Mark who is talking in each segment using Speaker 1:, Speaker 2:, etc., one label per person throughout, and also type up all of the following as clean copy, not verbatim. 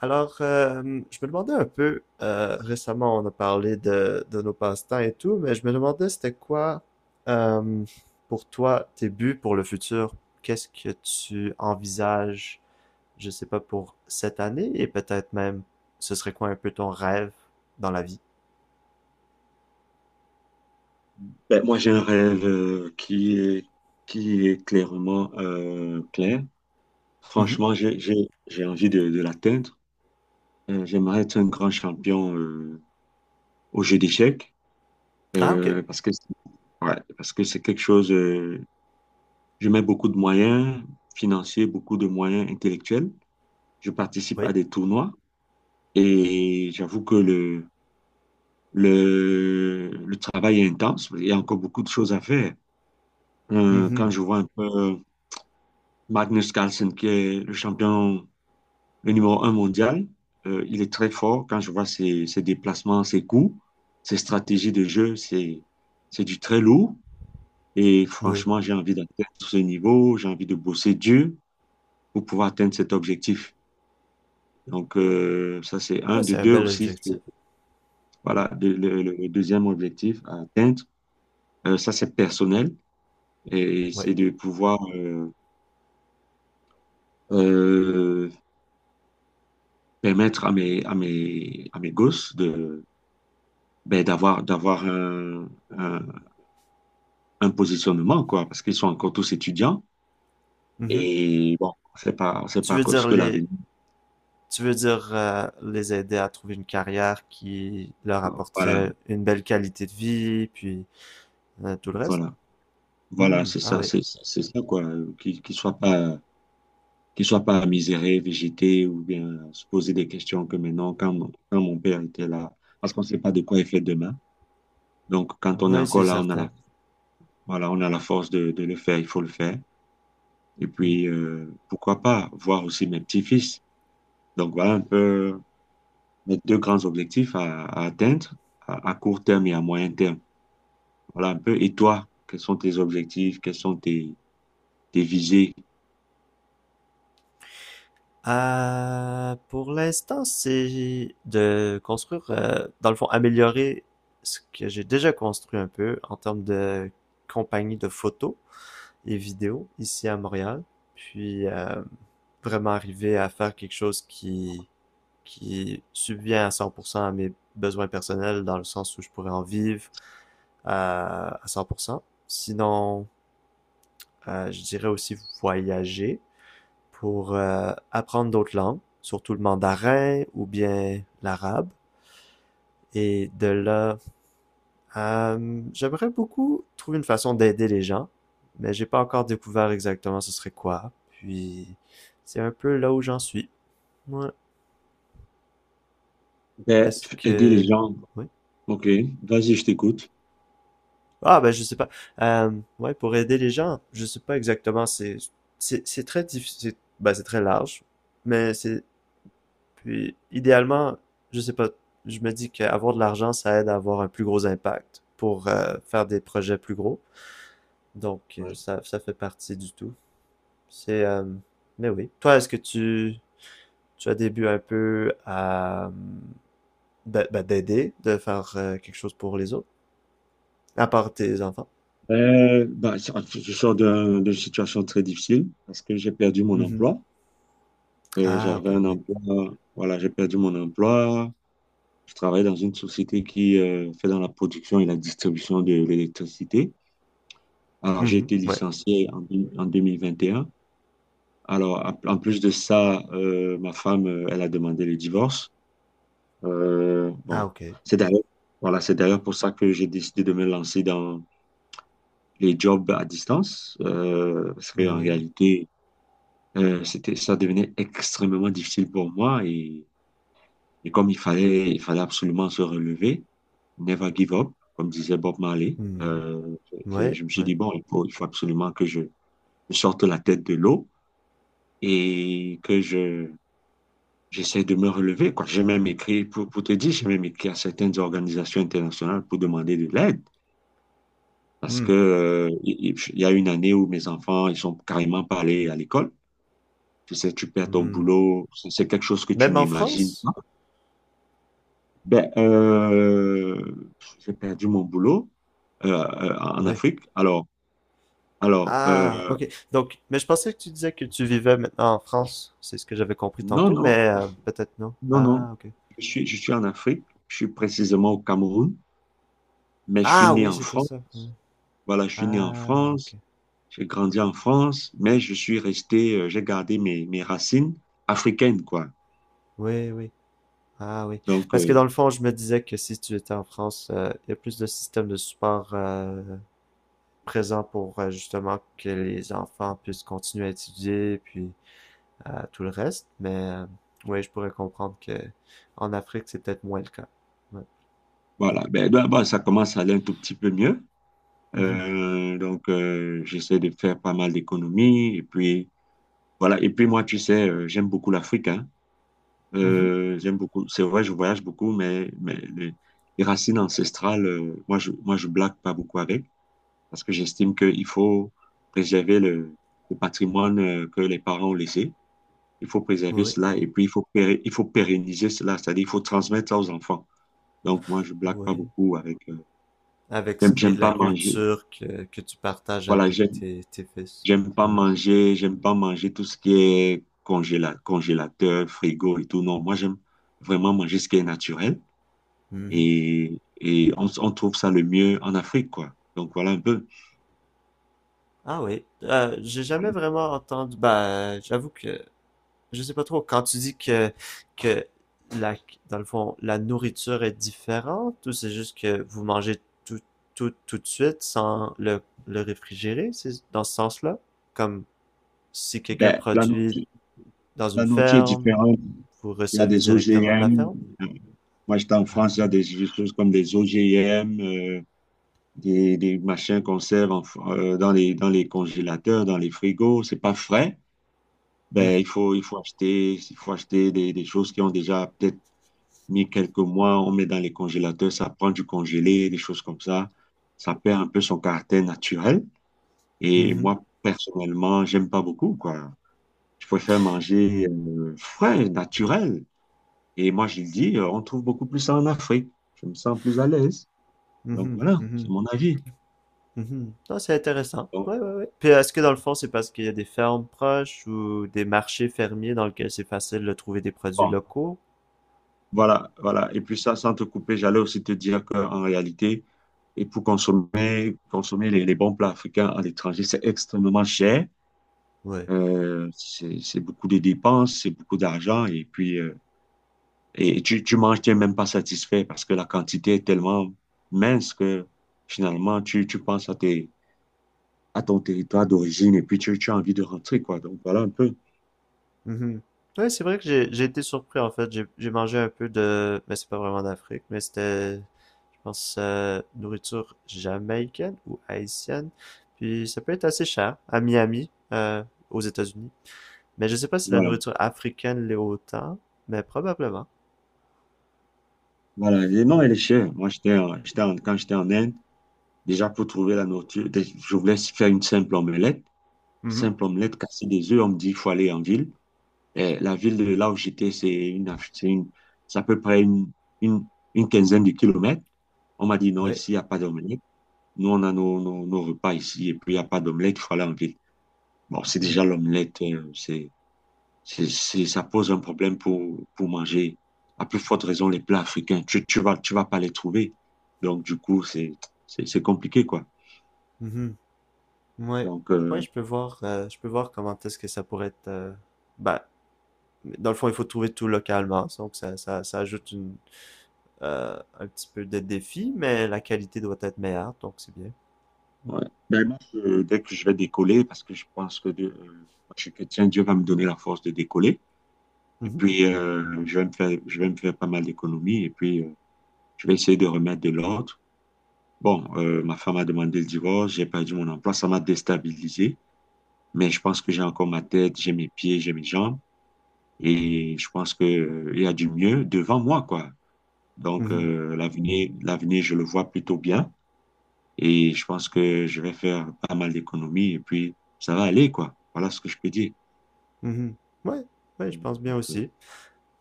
Speaker 1: Alors, euh, je me demandais un peu, récemment on a parlé de nos passe-temps et tout, mais je me demandais c'était quoi euh, pour toi tes buts pour le futur? Qu'est-ce que tu envisages, je sais pas, pour cette année et peut-être même ce serait quoi un peu ton rêve dans la vie?
Speaker 2: Ben, moi, j'ai un rêve qui est clairement clair.
Speaker 1: Mhm.
Speaker 2: Franchement, j'ai envie de l'atteindre. J'aimerais être un grand champion au jeu d'échecs
Speaker 1: Ah, ok.
Speaker 2: parce que, ouais, parce que c'est quelque chose. Je mets beaucoup de moyens financiers, beaucoup de moyens intellectuels. Je participe à
Speaker 1: Oui.
Speaker 2: des tournois et j'avoue que le travail est intense. Il y a encore beaucoup de choses à faire.
Speaker 1: Mhm.
Speaker 2: Quand je vois un peu Magnus Carlsen, qui est le champion, le numéro un mondial. Il est très fort quand je vois ses déplacements, ses coups, ses stratégies de jeu, c'est du très lourd. Et
Speaker 1: Oui.
Speaker 2: franchement, j'ai envie d'atteindre ce niveau, j'ai envie de bosser dur pour pouvoir atteindre cet objectif. Donc, ça, c'est
Speaker 1: Ah,
Speaker 2: un. De
Speaker 1: c'est un
Speaker 2: deux
Speaker 1: bel
Speaker 2: aussi,
Speaker 1: objectif. Oui.
Speaker 2: voilà, le deuxième objectif à atteindre, ça, c'est personnel et c'est
Speaker 1: Oui.
Speaker 2: de pouvoir euh, permettre à à mes gosses de ben, d'avoir un positionnement, quoi, parce qu'ils sont encore tous étudiants.
Speaker 1: Mhm.
Speaker 2: Et bon, on sait
Speaker 1: Tu
Speaker 2: pas
Speaker 1: veux
Speaker 2: ce
Speaker 1: dire
Speaker 2: que
Speaker 1: les,
Speaker 2: l'avenir.
Speaker 1: Tu veux dire les aider à trouver une carrière qui leur
Speaker 2: Voilà,
Speaker 1: apporterait une belle qualité de vie, puis tout le reste?
Speaker 2: voilà, voilà,
Speaker 1: Hmm,
Speaker 2: c'est
Speaker 1: ah
Speaker 2: ça,
Speaker 1: ouais.
Speaker 2: c'est ça, quoi. Qu'ils ne soient pas, qu'ils soient pas misérés, végétés, ou bien se poser des questions que maintenant, quand, quand mon père était là, parce qu'on ne sait pas de quoi il fait demain. Donc, quand on est
Speaker 1: Oui, c'est
Speaker 2: encore là,
Speaker 1: certain.
Speaker 2: voilà, on a la force de le faire, il faut le faire. Et
Speaker 1: Hmm.
Speaker 2: puis, pourquoi pas voir aussi mes petits-fils. Donc, voilà un peu. Mes deux grands objectifs à atteindre court terme et à moyen terme. Voilà un peu. Et toi, quels sont tes objectifs? Quels sont tes, tes visées?
Speaker 1: Pour l'instant, c'est de construire, dans le fond, améliorer ce que j'ai déjà construit un peu en termes de compagnie de photos et vidéos ici à Montréal. Puis vraiment arriver à faire quelque chose qui subvient à 100% à mes besoins personnels dans le sens où je pourrais en vivre à 100%. Sinon, je dirais aussi voyager pour apprendre d'autres langues, surtout le mandarin ou bien l'arabe. Et de là, j'aimerais beaucoup trouver une façon d'aider les gens, mais j'ai pas encore découvert exactement ce serait quoi. Puis, c'est un peu là où j'en suis. Ouais.
Speaker 2: Ben,
Speaker 1: Est-ce
Speaker 2: aider les
Speaker 1: que...
Speaker 2: gens.
Speaker 1: Oui.
Speaker 2: Ok, vas-y, je t'écoute.
Speaker 1: Ah ben, je sais pas. Euh, ouais, pour aider les gens, je sais pas exactement. C'est très difficile. Ben, c'est très large. Mais c'est, puis, idéalement, je sais pas. Je me dis qu'avoir de l'argent, ça aide à avoir un plus gros impact pour faire des projets plus gros. Donc,
Speaker 2: Ouais.
Speaker 1: ça, ça fait partie du tout. C'est, mais oui. Toi, est-ce que tu as des buts un peu à, ben, d'aider, de faire quelque chose pour les autres, à part tes enfants?
Speaker 2: Ben, je sors d'une situation très difficile parce que j'ai perdu mon
Speaker 1: Mhm.
Speaker 2: emploi.
Speaker 1: Ah, ok,
Speaker 2: J'avais un
Speaker 1: oui.
Speaker 2: emploi, voilà, j'ai perdu mon emploi. Je travaille dans une société qui fait dans la production et la distribution de l'électricité. Alors, j'ai
Speaker 1: Mhm,
Speaker 2: été
Speaker 1: ouais.
Speaker 2: licencié en, en 2021. Alors, en plus de ça, ma femme, elle a demandé le divorce.
Speaker 1: Ah
Speaker 2: Bon,
Speaker 1: OK.
Speaker 2: c'est d'ailleurs, voilà, c'est d'ailleurs pour ça que j'ai décidé de me lancer dans les jobs à distance, parce qu'en
Speaker 1: Oui.
Speaker 2: réalité, c'était, ça devenait extrêmement difficile pour moi et comme il fallait absolument se relever, never give up, comme disait Bob Marley,
Speaker 1: Mmh. Ouais,
Speaker 2: je me suis
Speaker 1: ouais.
Speaker 2: dit, bon, il faut absolument que je sorte la tête de l'eau et que j'essaie de me relever, quoi. J'ai même écrit, pour te dire, j'ai même écrit à certaines organisations internationales pour demander de l'aide. Parce
Speaker 1: Mmh.
Speaker 2: que, il y a une année où mes enfants, ils sont carrément pas allés à l'école. Tu sais, tu perds ton
Speaker 1: Mmh.
Speaker 2: boulot, c'est quelque chose que tu
Speaker 1: Même en
Speaker 2: n'imagines
Speaker 1: France?
Speaker 2: pas. Ben, j'ai perdu mon boulot en
Speaker 1: Oui.
Speaker 2: Afrique. Alors
Speaker 1: Ah, OK. Donc, mais je pensais que tu disais que tu vivais maintenant en France. C'est ce que j'avais compris
Speaker 2: non,
Speaker 1: tantôt,
Speaker 2: non,
Speaker 1: mais peut-être non.
Speaker 2: non, non.
Speaker 1: Ah, OK.
Speaker 2: Je suis en Afrique, je suis précisément au Cameroun, mais je suis
Speaker 1: Ah
Speaker 2: né
Speaker 1: oui,
Speaker 2: en
Speaker 1: c'était
Speaker 2: France.
Speaker 1: ça. Ouais.
Speaker 2: Voilà, je suis né en
Speaker 1: Ah, OK.
Speaker 2: France. J'ai grandi en France, mais je suis resté, j'ai gardé mes racines africaines, quoi.
Speaker 1: Oui, oui. Ah oui.
Speaker 2: Donc,
Speaker 1: Parce que dans le fond, je me disais que si tu étais en France, il y a plus de systèmes de support présents pour justement que les enfants puissent continuer à étudier, puis à tout le reste, mais ouais, je pourrais comprendre que en Afrique, c'est peut-être moins le cas. Ouais.
Speaker 2: voilà. Ben, d'abord, ça commence à aller un tout petit peu mieux.
Speaker 1: Mhm.
Speaker 2: Donc, j'essaie de faire pas mal d'économies. Et puis, voilà. Et puis, moi, tu sais, j'aime beaucoup l'Afrique, hein.
Speaker 1: Mhm.
Speaker 2: J'aime beaucoup. C'est vrai, je voyage beaucoup, mais les racines ancestrales, moi, je blague pas beaucoup avec parce que j'estime qu'il faut préserver le patrimoine que les parents ont laissé. Il faut préserver
Speaker 1: Oui,
Speaker 2: cela et puis il faut, il faut pérenniser cela, c'est-à-dire il faut transmettre ça aux enfants. Donc moi, je blague pas
Speaker 1: oui.
Speaker 2: beaucoup avec.
Speaker 1: Avec ce
Speaker 2: J'aime,
Speaker 1: qui est
Speaker 2: j'aime
Speaker 1: de la
Speaker 2: pas manger.
Speaker 1: culture que tu partages
Speaker 2: Voilà,
Speaker 1: avec
Speaker 2: j'aime,
Speaker 1: tes fils. Ouais.
Speaker 2: j'aime pas manger tout ce qui est congélateur, frigo et tout. Non, moi, j'aime vraiment manger ce qui est naturel
Speaker 1: Mhm.
Speaker 2: et on trouve ça le mieux en Afrique, quoi. Donc voilà un peu.
Speaker 1: Ah oui. J'ai jamais
Speaker 2: Voilà.
Speaker 1: vraiment entendu. Ben, j'avoue que je sais pas trop. Quand tu dis que la, dans le fond, la nourriture est différente, ou c'est juste que vous mangez tout tout tout de suite sans le réfrigérer, c'est dans ce sens-là? Comme si quelqu'un
Speaker 2: Ben,
Speaker 1: produit dans
Speaker 2: la
Speaker 1: une
Speaker 2: nourriture est
Speaker 1: ferme,
Speaker 2: différente.
Speaker 1: vous
Speaker 2: Il y a
Speaker 1: recevez
Speaker 2: des
Speaker 1: directement de la
Speaker 2: OGM.
Speaker 1: ferme?
Speaker 2: euh, Moi, j'étais en France, il y
Speaker 1: Ah.
Speaker 2: a des choses comme des OGM. Des machins qu'on sert dans les congélateurs, dans les frigos, c'est pas frais.
Speaker 1: Hmm.
Speaker 2: Ben, il faut acheter des choses qui ont déjà peut-être mis quelques mois, on met dans les congélateurs, ça prend du congelé, des choses comme ça. Ça perd un peu son caractère naturel. Et
Speaker 1: Mhm.
Speaker 2: moi, personnellement, j'aime pas beaucoup, quoi. Je préfère manger frais, naturel. Et moi, je le dis, on trouve beaucoup plus ça en Afrique. Je me sens plus à l'aise. Donc
Speaker 1: Mhm.
Speaker 2: voilà, c'est
Speaker 1: Mhm.
Speaker 2: mon avis.
Speaker 1: Mhm. Non, c'est intéressant. Oui,
Speaker 2: Donc,
Speaker 1: oui, oui. Puis est-ce que dans le fond, c'est parce qu'il y a des fermes proches ou des marchés fermiers dans lesquels c'est facile de trouver des produits
Speaker 2: bon,
Speaker 1: locaux?
Speaker 2: voilà, voilà. Et puis ça, sans te couper, j'allais aussi te dire qu'en réalité, et pour consommer, consommer les bons plats africains à l'étranger, c'est extrêmement cher.
Speaker 1: Ouais.
Speaker 2: C'est beaucoup de dépenses, c'est beaucoup d'argent. Et puis, et tu manges, tu n'es même pas satisfait parce que la quantité est tellement mince que finalement, tu penses à tes, à ton territoire d'origine et puis tu as envie de rentrer, quoi. Donc voilà un peu.
Speaker 1: Mhm. Oui, c'est vrai que j'ai été surpris en fait. J'ai mangé un peu de, mais c'est pas vraiment d'Afrique, mais c'était je pense, nourriture jamaïcaine ou haïtienne. Puis ça peut être assez cher à Miami, aux États-Unis. Mais je sais pas si la
Speaker 2: Voilà.
Speaker 1: nourriture africaine l'est autant, mais probablement.
Speaker 2: Voilà. Et non,
Speaker 1: Ouais.
Speaker 2: elle est chère. Moi, quand j'étais en Inde, déjà, pour trouver la nourriture, je voulais faire une simple omelette.
Speaker 1: Mhm.
Speaker 2: Simple omelette, casser des œufs. On me dit qu'il faut aller en ville. Et la ville de là où j'étais, c'est à peu près une, une quinzaine de km. On m'a dit non,
Speaker 1: Ouais.
Speaker 2: ici, il n'y a pas d'omelette. Nous, on a nos repas ici et puis il n'y a pas d'omelette, il faut aller en ville. Bon, c'est
Speaker 1: Hmm.
Speaker 2: déjà l'omelette, ça pose un problème pour manger. À plus forte raison, les plats africains, tu vas pas les trouver. Donc, du coup, c'est compliqué, quoi.
Speaker 1: Mhm. Ouais.
Speaker 2: Donc,
Speaker 1: Je peux voir comment est-ce que ça pourrait être. Bah, Dans le fond, il faut trouver tout localement, donc ça ajoute une, un petit peu de défi, mais la qualité doit être meilleure, donc c'est bien.
Speaker 2: ouais. Ben, moi, dès que je vais décoller, parce que je pense que moi, je suis chrétien, Dieu va me donner la force de décoller. Et
Speaker 1: Mhm.
Speaker 2: puis, je vais me faire pas mal d'économies. Et puis, je vais essayer de remettre de l'ordre. Bon, ma femme a demandé le divorce, j'ai perdu mon emploi, ça m'a déstabilisé. Mais je pense que j'ai encore ma tête, j'ai mes pieds, j'ai mes jambes. Et je pense que, il y a du mieux devant moi, quoi. Donc,
Speaker 1: Mhm.
Speaker 2: l'avenir, je le vois plutôt bien. Et je pense que je vais faire pas mal d'économies et puis ça va aller, quoi. Voilà ce que je peux dire.
Speaker 1: Mhm. Ouais, ouais, je pense bien
Speaker 2: Donc, euh,
Speaker 1: aussi.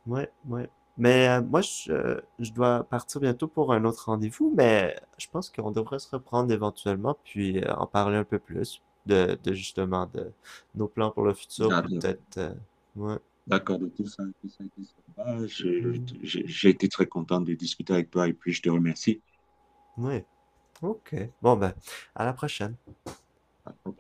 Speaker 1: Ouais, ouais. Mais je dois partir bientôt pour un autre rendez-vous, mais je pense qu'on devrait se reprendre éventuellement, puis en parler un peu plus de justement de nos plans pour le futur, puis
Speaker 2: d'accord,
Speaker 1: peut-être... ouais.
Speaker 2: d'accord de tout ça, tout ça, tout ça. Bah,
Speaker 1: Mhm.
Speaker 2: j'ai été très content de discuter avec toi et puis je te remercie.
Speaker 1: Ouais. Ok. Bon ben, à la prochaine.
Speaker 2: Ok.